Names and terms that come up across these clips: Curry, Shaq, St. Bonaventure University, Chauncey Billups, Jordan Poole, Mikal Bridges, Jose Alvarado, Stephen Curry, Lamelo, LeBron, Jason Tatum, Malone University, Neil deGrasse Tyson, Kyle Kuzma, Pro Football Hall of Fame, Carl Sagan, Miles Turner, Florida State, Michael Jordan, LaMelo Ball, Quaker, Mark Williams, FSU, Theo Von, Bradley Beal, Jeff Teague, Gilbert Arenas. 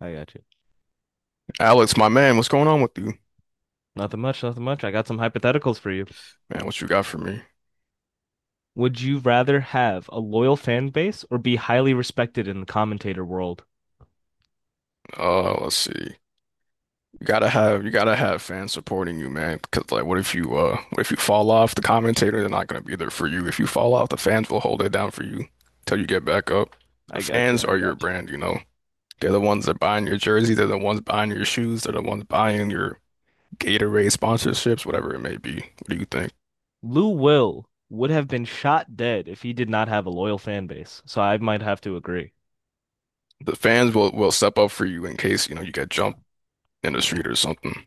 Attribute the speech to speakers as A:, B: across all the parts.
A: I got you.
B: Alex, my man, what's going on with you?
A: Nothing much, nothing much. I got some hypotheticals for you.
B: Man, what you got for me?
A: Would you rather have a loyal fan base or be highly respected in the commentator world?
B: Let's see. You gotta have fans supporting you, man. Because like, what if you fall off? The commentator, they're not gonna be there for you. If you fall off, the fans will hold it down for you till you get back up. The
A: I got you.
B: fans
A: I
B: are your
A: got you.
B: brand. They're the ones that buying your jersey. They're the ones buying your shoes. They're the ones buying your Gatorade sponsorships, whatever it may be. What do you think?
A: Lou Will would have been shot dead if he did not have a loyal fan base, so I might have to agree.
B: The fans will step up for you in case you get jumped in the street or something.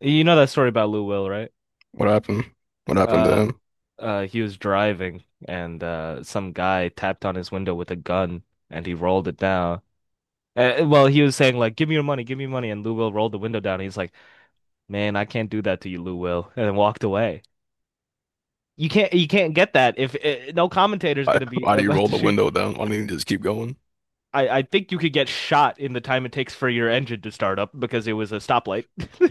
A: You know that story about Lou Will, right?
B: What happened? What happened to
A: Uh,
B: him?
A: he was driving and some guy tapped on his window with a gun and he rolled it down. Well, he was saying like, "Give me your money, give me your money," and Lou Will rolled the window down. He's like, "Man, I can't do that to you, Lou Will," and then walked away. You can't get that if no commentator's
B: Why,
A: gonna be
B: why do you
A: about
B: roll
A: to
B: the
A: shoot.
B: window down? Why don't you just keep going?
A: I think you could get shot in the time it takes for your engine to start up because it was a stoplight.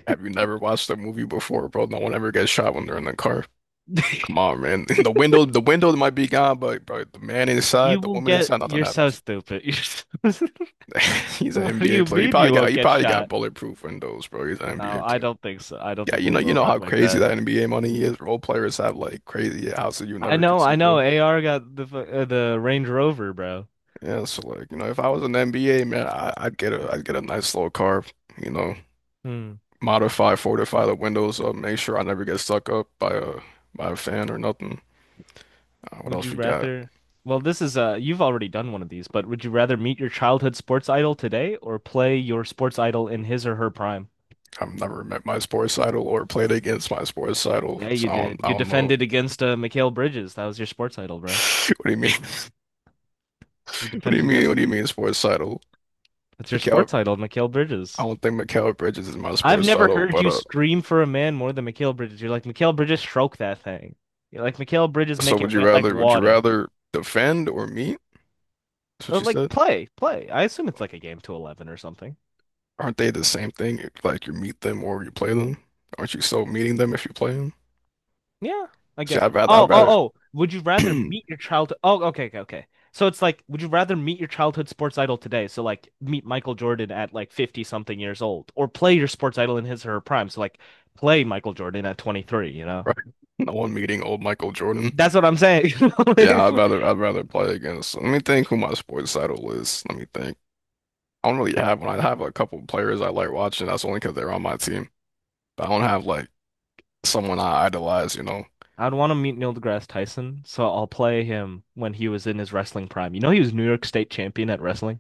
B: Have you never watched a movie before, bro? No one ever gets shot when they're in the car. Come on, man. The window might be gone, but bro, the man inside, the woman inside, nothing
A: You're so
B: happens.
A: stupid. So-
B: He's an
A: What do
B: NBA
A: you
B: player. He
A: mean
B: probably
A: you
B: got,
A: won't
B: he
A: get
B: probably got
A: shot?
B: bulletproof windows, bro. He's an
A: No,
B: NBA
A: I
B: player.
A: don't think so. I don't
B: Yeah,
A: think
B: you
A: we
B: know, you
A: will
B: know
A: rock
B: how
A: like
B: crazy
A: that.
B: that NBA money is. Role players have like crazy houses you
A: I
B: never
A: know, I
B: conceived
A: know.
B: of.
A: AR got the Range Rover, bro.
B: Yeah, so like, you know, if I was an NBA man, I'd get a, I'd get a nice little car, you know.
A: Hmm.
B: Modify, fortify the windows up, make sure I never get stuck up by a fan or nothing. What
A: Would
B: else
A: you
B: we got?
A: rather? Well, this is you've already done one of these, but would you rather meet your childhood sports idol today or play your sports idol in his or her prime?
B: I've never met my sports idol or played against my sports idol,
A: Yeah,
B: so
A: you
B: I don't
A: did.
B: I
A: You
B: don't know.
A: defended against Mikal Bridges. That was your sports idol, bro.
B: What do you mean?
A: You
B: What do
A: defended
B: you mean? What
A: against.
B: do you mean sports idol?
A: That's your
B: Mikal,
A: sports idol, Mikal
B: I
A: Bridges.
B: don't think Mikal Bridges is my
A: I've
B: sports
A: never
B: idol,
A: heard
B: but
A: you scream for a man more than Mikal Bridges. You're like, Mikal Bridges, stroke that thing. You're like, Mikal Bridges,
B: So
A: make
B: would
A: it
B: you
A: wet like
B: rather? Would you
A: water.
B: rather defend or meet? That's what
A: Or
B: you
A: like,
B: said.
A: play. I assume it's like a game to 11 or something.
B: Aren't they the same thing? Like you meet them or you play them? Aren't you still meeting them if you play them?
A: Yeah, I
B: See,
A: get.
B: I'd rather,
A: Oh,
B: I'd
A: oh,
B: rather.
A: oh. Would you rather meet your childhood? Oh, okay, okay, okay. So it's like, would you rather meet your childhood sports idol today? So like, meet Michael Jordan at like 50 something years old, or play your sports idol in his or her prime. So like, play Michael Jordan at 23, you know?
B: Right. No one meeting old Michael Jordan.
A: That's what I'm saying.
B: Yeah,
A: Like,
B: I'd rather play against. Let me think who my sports idol is. Let me think. I don't really have one. I have a couple of players I like watching. That's only because they're on my team. But I don't have like someone I idolize. You know,
A: I'd want to meet Neil deGrasse Tyson, so I'll play him when he was in his wrestling prime. You know, he was New York State champion at wrestling.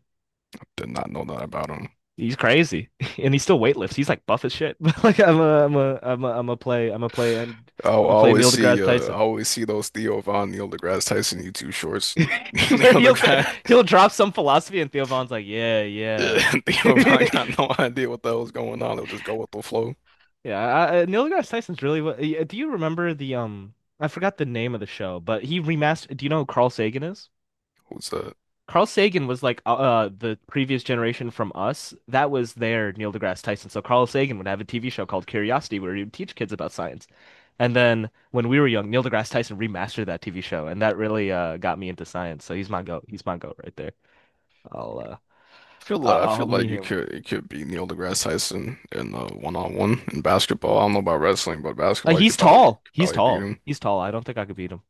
B: did not know that about him.
A: He's crazy, and he still weightlifts. He's like buff as shit. But like, I'm a, I'm a, I'm a, I'm a and
B: Oh, I
A: I'm a play
B: always
A: Neil
B: see
A: deGrasse
B: uh, I
A: Tyson.
B: always see those Theo Von, Neil deGrasse Tyson YouTube shorts.
A: Where
B: Neil deGrasse.
A: he'll drop some philosophy, and Theo Vaughn's like, yeah, yeah,
B: Yeah, Theo Von
A: yeah.
B: got no idea what the hell's going on. They'll just go with the flow.
A: Neil deGrasse Tyson's really. Yeah, do you remember the? I forgot the name of the show, but he remastered. Do you know who Carl Sagan is?
B: Who's that?
A: Carl Sagan was like the previous generation from us. That was their Neil deGrasse Tyson. So Carl Sagan would have a TV show called Curiosity where he would teach kids about science. And then when we were young, Neil deGrasse Tyson remastered that TV show, and that really got me into science. So he's my goat. He's my goat right there. I'll uh
B: I feel like I feel
A: I'll
B: like
A: meet
B: you
A: him.
B: could it could be Neil deGrasse Tyson in the one on one in basketball. I don't know about wrestling, but basketball you
A: He's
B: could probably
A: tall.
B: could
A: He's
B: probably beat
A: tall.
B: him.
A: He's tall. I don't think I could beat him.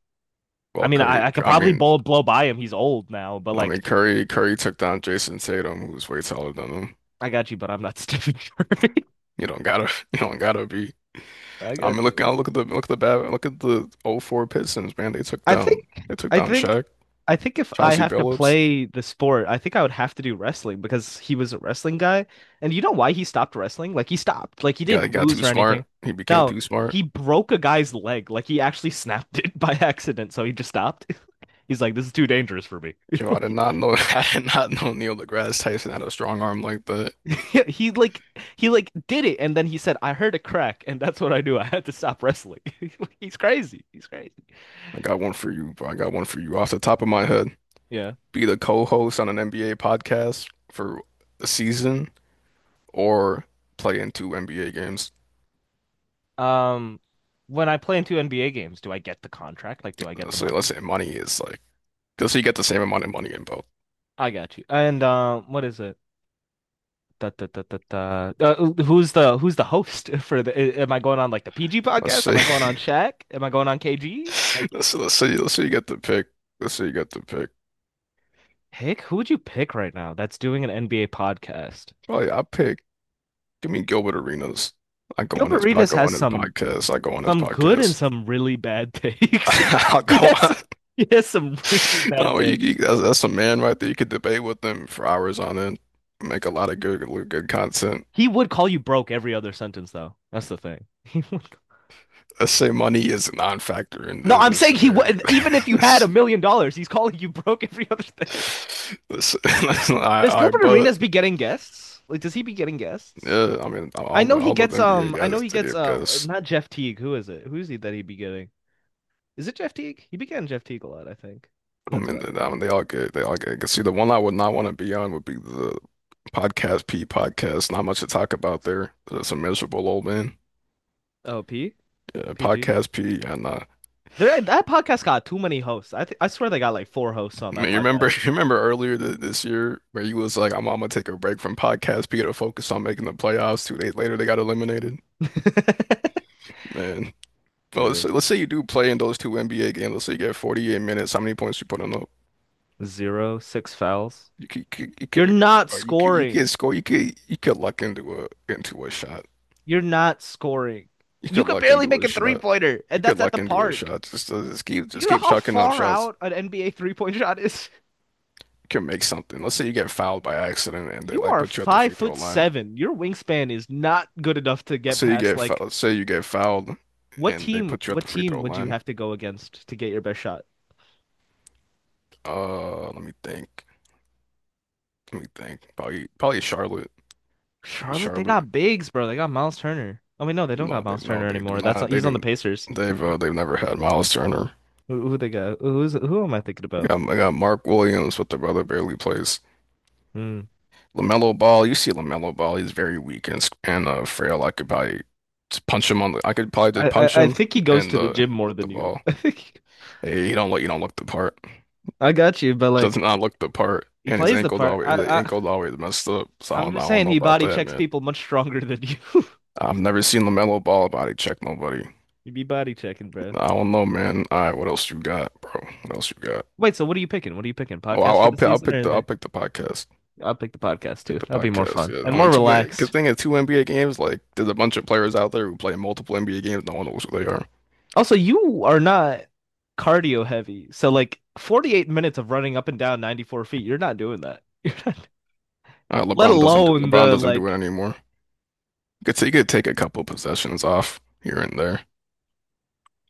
A: I
B: Well,
A: mean,
B: Curry,
A: I could
B: I
A: probably
B: mean,
A: blow by him. He's old now, but
B: I mean
A: like,
B: Curry took down Jason Tatum, who's way taller than him.
A: I got you, but I'm not Stephen Curry.
B: You don't gotta you don't gotta be.
A: I
B: I mean,
A: got you.
B: look at the '04 Pistons, man. They took
A: I think
B: down they took
A: I
B: down
A: think
B: Shaq,
A: I think if I
B: Chauncey
A: have to
B: Billups.
A: play the sport, I think I would have to do wrestling because he was a wrestling guy. And you know why he stopped wrestling? Like, he stopped. Like, he
B: He got he
A: didn't
B: got too
A: lose or
B: smart.
A: anything.
B: He became
A: No,
B: too smart.
A: he broke a guy's leg. Like, he actually snapped it by accident, so he just stopped. He's like, this is too dangerous for me.
B: Yo, I did
A: Like,
B: not know I did not know Neil deGrasse Tyson had a strong arm like that.
A: he like he like did it and then he said, I heard a crack and that's what I knew. I had to stop wrestling. He's crazy. He's crazy.
B: I got one for you, bro. I got one for you off the top of my head.
A: Yeah.
B: Be the co-host on an NBA podcast for a season or play in two NBA games.
A: Um, when I play into NBA games, do I get the contract? Like, do I get
B: Let's
A: the
B: say, let's
A: money?
B: say money is like, let's say you get the same amount of money in both.
A: I got you. And what is it? Da, da, da, da, da. Who's the host for the? Am I going on like the PG
B: Let's
A: podcast? Am
B: say,
A: I going on Shaq? Am I going on KG? Like,
B: let's say you get the pick. Let's say you get the pick.
A: pick who would you pick right now that's doing an NBA podcast?
B: Probably I pick. Give me Gilbert Arenas. I go on
A: Gilbert
B: his, I
A: Arenas
B: go
A: has
B: on his
A: some
B: podcast. I go on his
A: some good and
B: podcast.
A: some really bad takes.
B: I'll
A: Yes, he
B: go on.
A: has he has some really bad
B: No, you, you,
A: takes.
B: that's, that's a man right there. You could debate with them for hours on end, make a lot of good content.
A: He would call you broke every other sentence though. That's the thing.
B: Let's say money is a non-factor in,
A: No,
B: in
A: I'm
B: this
A: saying he
B: scenario.
A: would. Even if you had a
B: That's,
A: million dollars, he's calling you broke every other day.
B: that's, that's-
A: Does
B: I, I,
A: Gilbert
B: but
A: Arenas be getting guests? Like, does he be getting guests?
B: yeah, I mean,
A: I
B: all the
A: know he
B: all those
A: gets.
B: NBA
A: I know
B: guys
A: he
B: to
A: gets.
B: give because
A: Not Jeff Teague. Who is it? Who's he that he be getting? Is it Jeff Teague? He be getting Jeff Teague a lot. I think that's about it.
B: I mean, they all good. They all good. 'Cause see, the one I would not want to be on would be the podcast P podcast. Not much to talk about there. It's a miserable old man.
A: Oh, P
B: Yeah,
A: PG.
B: podcast P and
A: There, that podcast got too many hosts. I swear they got like four hosts on
B: Man,
A: that
B: you remember
A: podcast.
B: you remember earlier th this year where you was like, I'm gonna take a break from podcast, be able to focus on making the playoffs. 2 days later, they got eliminated. Man, well, let's
A: Yeah.
B: say, let's say you do play in those two NBA games. Let's say you get 48 minutes. How many points you putting up?
A: Zero, six fouls.
B: You could you could you
A: You're
B: could,
A: not
B: or you could, you
A: scoring.
B: could score. You could luck into a shot.
A: You're not scoring.
B: You
A: You
B: could
A: could
B: luck
A: barely
B: into
A: make
B: a
A: a three
B: shot.
A: pointer,
B: You
A: and
B: could
A: that's at
B: luck
A: the
B: into a
A: park.
B: shot. Just uh, just keep
A: Do
B: just
A: you know
B: keep
A: how
B: chucking up
A: far
B: shots.
A: out an NBA 3-point shot is?
B: You can make something. Let's say you get fouled by accident and they
A: You
B: like
A: are
B: put you at the
A: five
B: free throw
A: foot
B: line.
A: seven. Your wingspan is not good enough to get
B: Say you
A: past,
B: get
A: like,
B: fouled, say you get fouled,
A: what
B: and they
A: team
B: put you at
A: what
B: the free throw
A: team would you
B: line.
A: have to go against to get your best shot?
B: Let me think. Let me think. Probably Charlotte. Like
A: Charlotte, they
B: Charlotte.
A: got bigs, bro. They got Miles Turner. I mean, no, they don't
B: No,
A: got
B: they
A: Miles
B: no,
A: Turner
B: they do
A: anymore. That's not,
B: not. They
A: he's on the
B: didn't.
A: Pacers.
B: They've never had Miles Turner.
A: Who they got? Who am I thinking
B: I
A: about?
B: got, they got Mark Williams, but the brother barely plays.
A: Hmm.
B: LaMelo Ball. You see LaMelo Ball. He's very weak and s- and frail. I could probably just punch him on the. I could probably just
A: I,
B: punch
A: I I
B: him
A: think he goes
B: and
A: to the
B: the
A: gym more
B: the
A: than you.
B: ball.
A: I think.
B: Hey, he don't look. You don't look the part.
A: I got you, but
B: Does
A: like.
B: not look the part,
A: He
B: and his
A: plays the
B: ankle's
A: part.
B: always the ankle's always messed up. So I
A: I'm
B: don't, I
A: just
B: don't
A: saying
B: know
A: he
B: about
A: body
B: that,
A: checks
B: man.
A: people much stronger than you.
B: I've never seen LaMelo Ball body check nobody.
A: You be body checking, bro.
B: I don't know, man. All right, what else you got, bro? What else you got?
A: Wait, so what are you picking? What are you picking?
B: Oh, I'll,
A: Podcast for
B: I'll
A: the
B: pick.
A: season or in
B: I'll
A: the?
B: pick the podcast.
A: I'll pick the podcast
B: Pick
A: too.
B: the
A: That'll be more
B: podcast.
A: fun
B: Yeah,
A: and
B: I mean,
A: more
B: two. Good
A: relaxed.
B: thing is two NBA games. Like, there's a bunch of players out there who play multiple NBA games. No one knows who they are.
A: Also, you are not cardio heavy, so like 48 minutes of running up and down 94 feet, you're not doing that. You're not, let alone
B: LeBron
A: the
B: doesn't do it
A: like.
B: anymore. You could say you could take a couple possessions off here and there.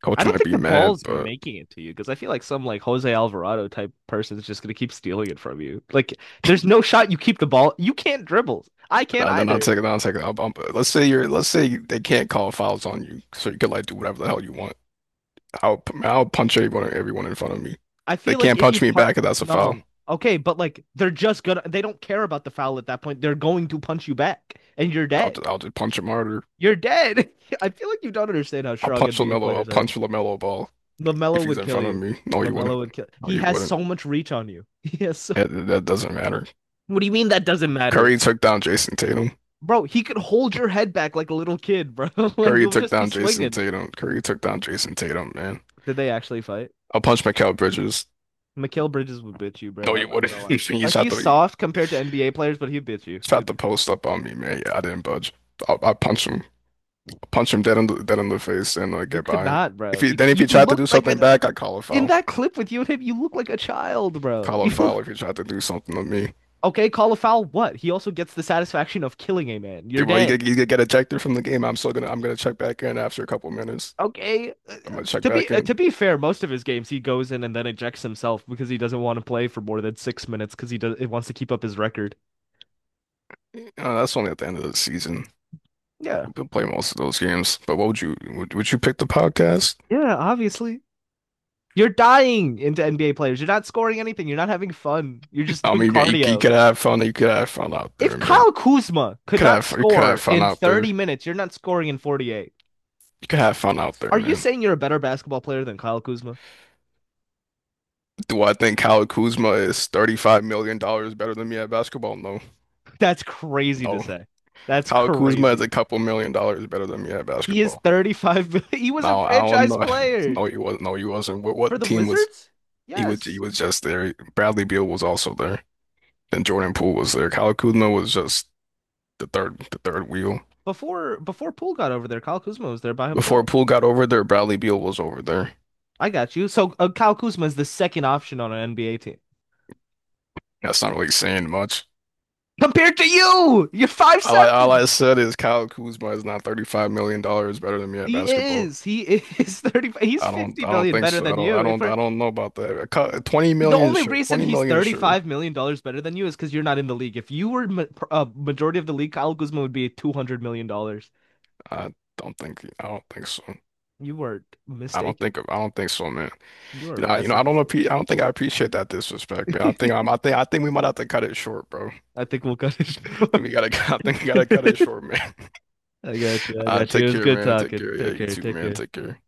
B: Coach
A: I don't
B: might
A: think
B: be
A: the
B: mad,
A: ball's
B: but.
A: making it to you because I feel like some like Jose Alvarado type person is just gonna keep stealing it from you. Like, there's no shot you keep the ball. You can't dribble. I can't
B: No, then I'll
A: either.
B: take it. I'll take it. Let's say you're. Let's say they can't call fouls on you, so you can like do whatever the hell you want. I'll punch everyone in front of me.
A: I
B: They
A: feel like
B: can't
A: if you
B: punch me
A: punt,
B: back if that's a foul.
A: no, okay, but like they're just gonna. They don't care about the foul at that point. They're going to punch you back, and you're
B: I'll
A: dead.
B: just, I'll just punch him harder.
A: You're dead. I feel like you don't understand how
B: I'll
A: strong
B: punch
A: NBA
B: LaMelo. I'll
A: players are.
B: punch LaMelo Ball if
A: Lamelo
B: he's
A: would
B: in
A: kill
B: front of
A: you.
B: me. No, you wouldn't.
A: Lamelo would kill.
B: No,
A: He
B: you
A: has
B: wouldn't.
A: so much reach on you. He has so.
B: That doesn't matter.
A: What do you mean that doesn't matter?
B: Curry took down Jason Tatum.
A: Bro, he could hold your head back like a little kid, bro, and
B: Curry
A: you'll
B: took
A: just be
B: down Jason
A: swinging.
B: Tatum. Curry took down Jason Tatum. Man,
A: Did they actually fight?
B: I'll punch Mikal Bridges.
A: Mikael Bridges would bitch you,
B: No,
A: bro.
B: you
A: I'm not
B: wouldn't.
A: gonna lie.
B: You
A: Like,
B: shot the
A: he's
B: you
A: soft compared to NBA players, but he'd bitch you.
B: shot
A: He'd bitch
B: the
A: you.
B: post up on me, man. Yeah, I didn't budge. I punched him. Punch him dead in the face and like
A: You
B: get
A: could
B: by him.
A: not,
B: If
A: bro.
B: he
A: You
B: then if he
A: you
B: tried to do
A: looked like
B: something
A: a,
B: back, I'd call a
A: in
B: foul.
A: that clip with you and him. You look like a child, bro.
B: Call a
A: You
B: foul if he tried to do something to me.
A: okay? Call a foul. What? He also gets the satisfaction of killing a man.
B: Yeah,
A: You're
B: well, he
A: dead.
B: could, he could get ejected from the game. I'm gonna check back in after a couple minutes.
A: Okay. Uh,
B: I'm gonna check
A: To
B: back
A: be uh,
B: in.
A: to be fair, most of his games he goes in and then ejects himself because he doesn't want to play for more than 6 minutes because he does. It wants to keep up his record.
B: That's only at the end of the season.
A: Yeah,
B: We'll play most of those games. But what would you pick the podcast?
A: yeah, obviously. You're dying into NBA players. You're not scoring anything. You're not having fun. You're just
B: I
A: doing
B: mean, you
A: cardio.
B: could have fun. You could have fun out there,
A: If
B: man.
A: Kyle Kuzma
B: You
A: could
B: Could
A: not
B: have you could have
A: score
B: fun
A: in
B: out there.
A: 30 minutes, you're not scoring in 48.
B: You could have fun out there,
A: Are you
B: man.
A: saying you're a better basketball player than Kyle Kuzma?
B: Do I think Kyle Kuzma is $35 million dollars better than me at basketball? No,
A: That's crazy to
B: no.
A: say. That's
B: Kyle Kuzma is a
A: crazy.
B: couple million dollars better than me at
A: He is
B: basketball.
A: 35. He was a
B: Now I don't
A: franchise
B: know.
A: player
B: No, he was. No, he wasn't. What
A: for
B: what
A: the
B: team was
A: Wizards?
B: he was he
A: Yes.
B: was just there. Bradley Beal was also there, and Jordan Poole was there. Kyle Kuzma was just the third wheel.
A: Before Poole got over there, Kyle Kuzma was there by
B: Before
A: himself.
B: Poole got over there, Bradley Beal was over there.
A: I got you. So Kyle Kuzma is the second option on an NBA team
B: That's not really saying much.
A: compared to you. You're five
B: All I
A: seven.
B: said is Kyle Kuzma is not $35 million better than me at
A: He
B: basketball.
A: is. He is 30. He's
B: I don't
A: fifty
B: I don't
A: million
B: think
A: better
B: so. I
A: than
B: don't I
A: you. If
B: don't
A: we're,
B: I don't know about that. Twenty
A: the
B: million
A: only
B: sure.
A: reason
B: Twenty
A: he's
B: million
A: thirty
B: sure.
A: five million dollars better than you is because you're not in the league. If you were majority of the league, Kyle Guzman would be $200 million.
B: I I don't think so.
A: You are
B: I don't
A: mistaken.
B: think I don't think so, man.
A: You are
B: I, you know,
A: vastly
B: I don't appre I
A: mistaken.
B: don't think I appreciate that disrespect, man. I think I'm, I think I think we might have to cut it short, bro.
A: I think we'll cut it
B: I think
A: short.
B: we gotta I think we gotta cut it short, man.
A: I got you. I
B: Uh,
A: got you.
B: take
A: It was
B: care,
A: good
B: man. Take
A: talking.
B: care. Yeah,
A: Take
B: you
A: care.
B: too,
A: Take
B: man.
A: care.
B: Take care.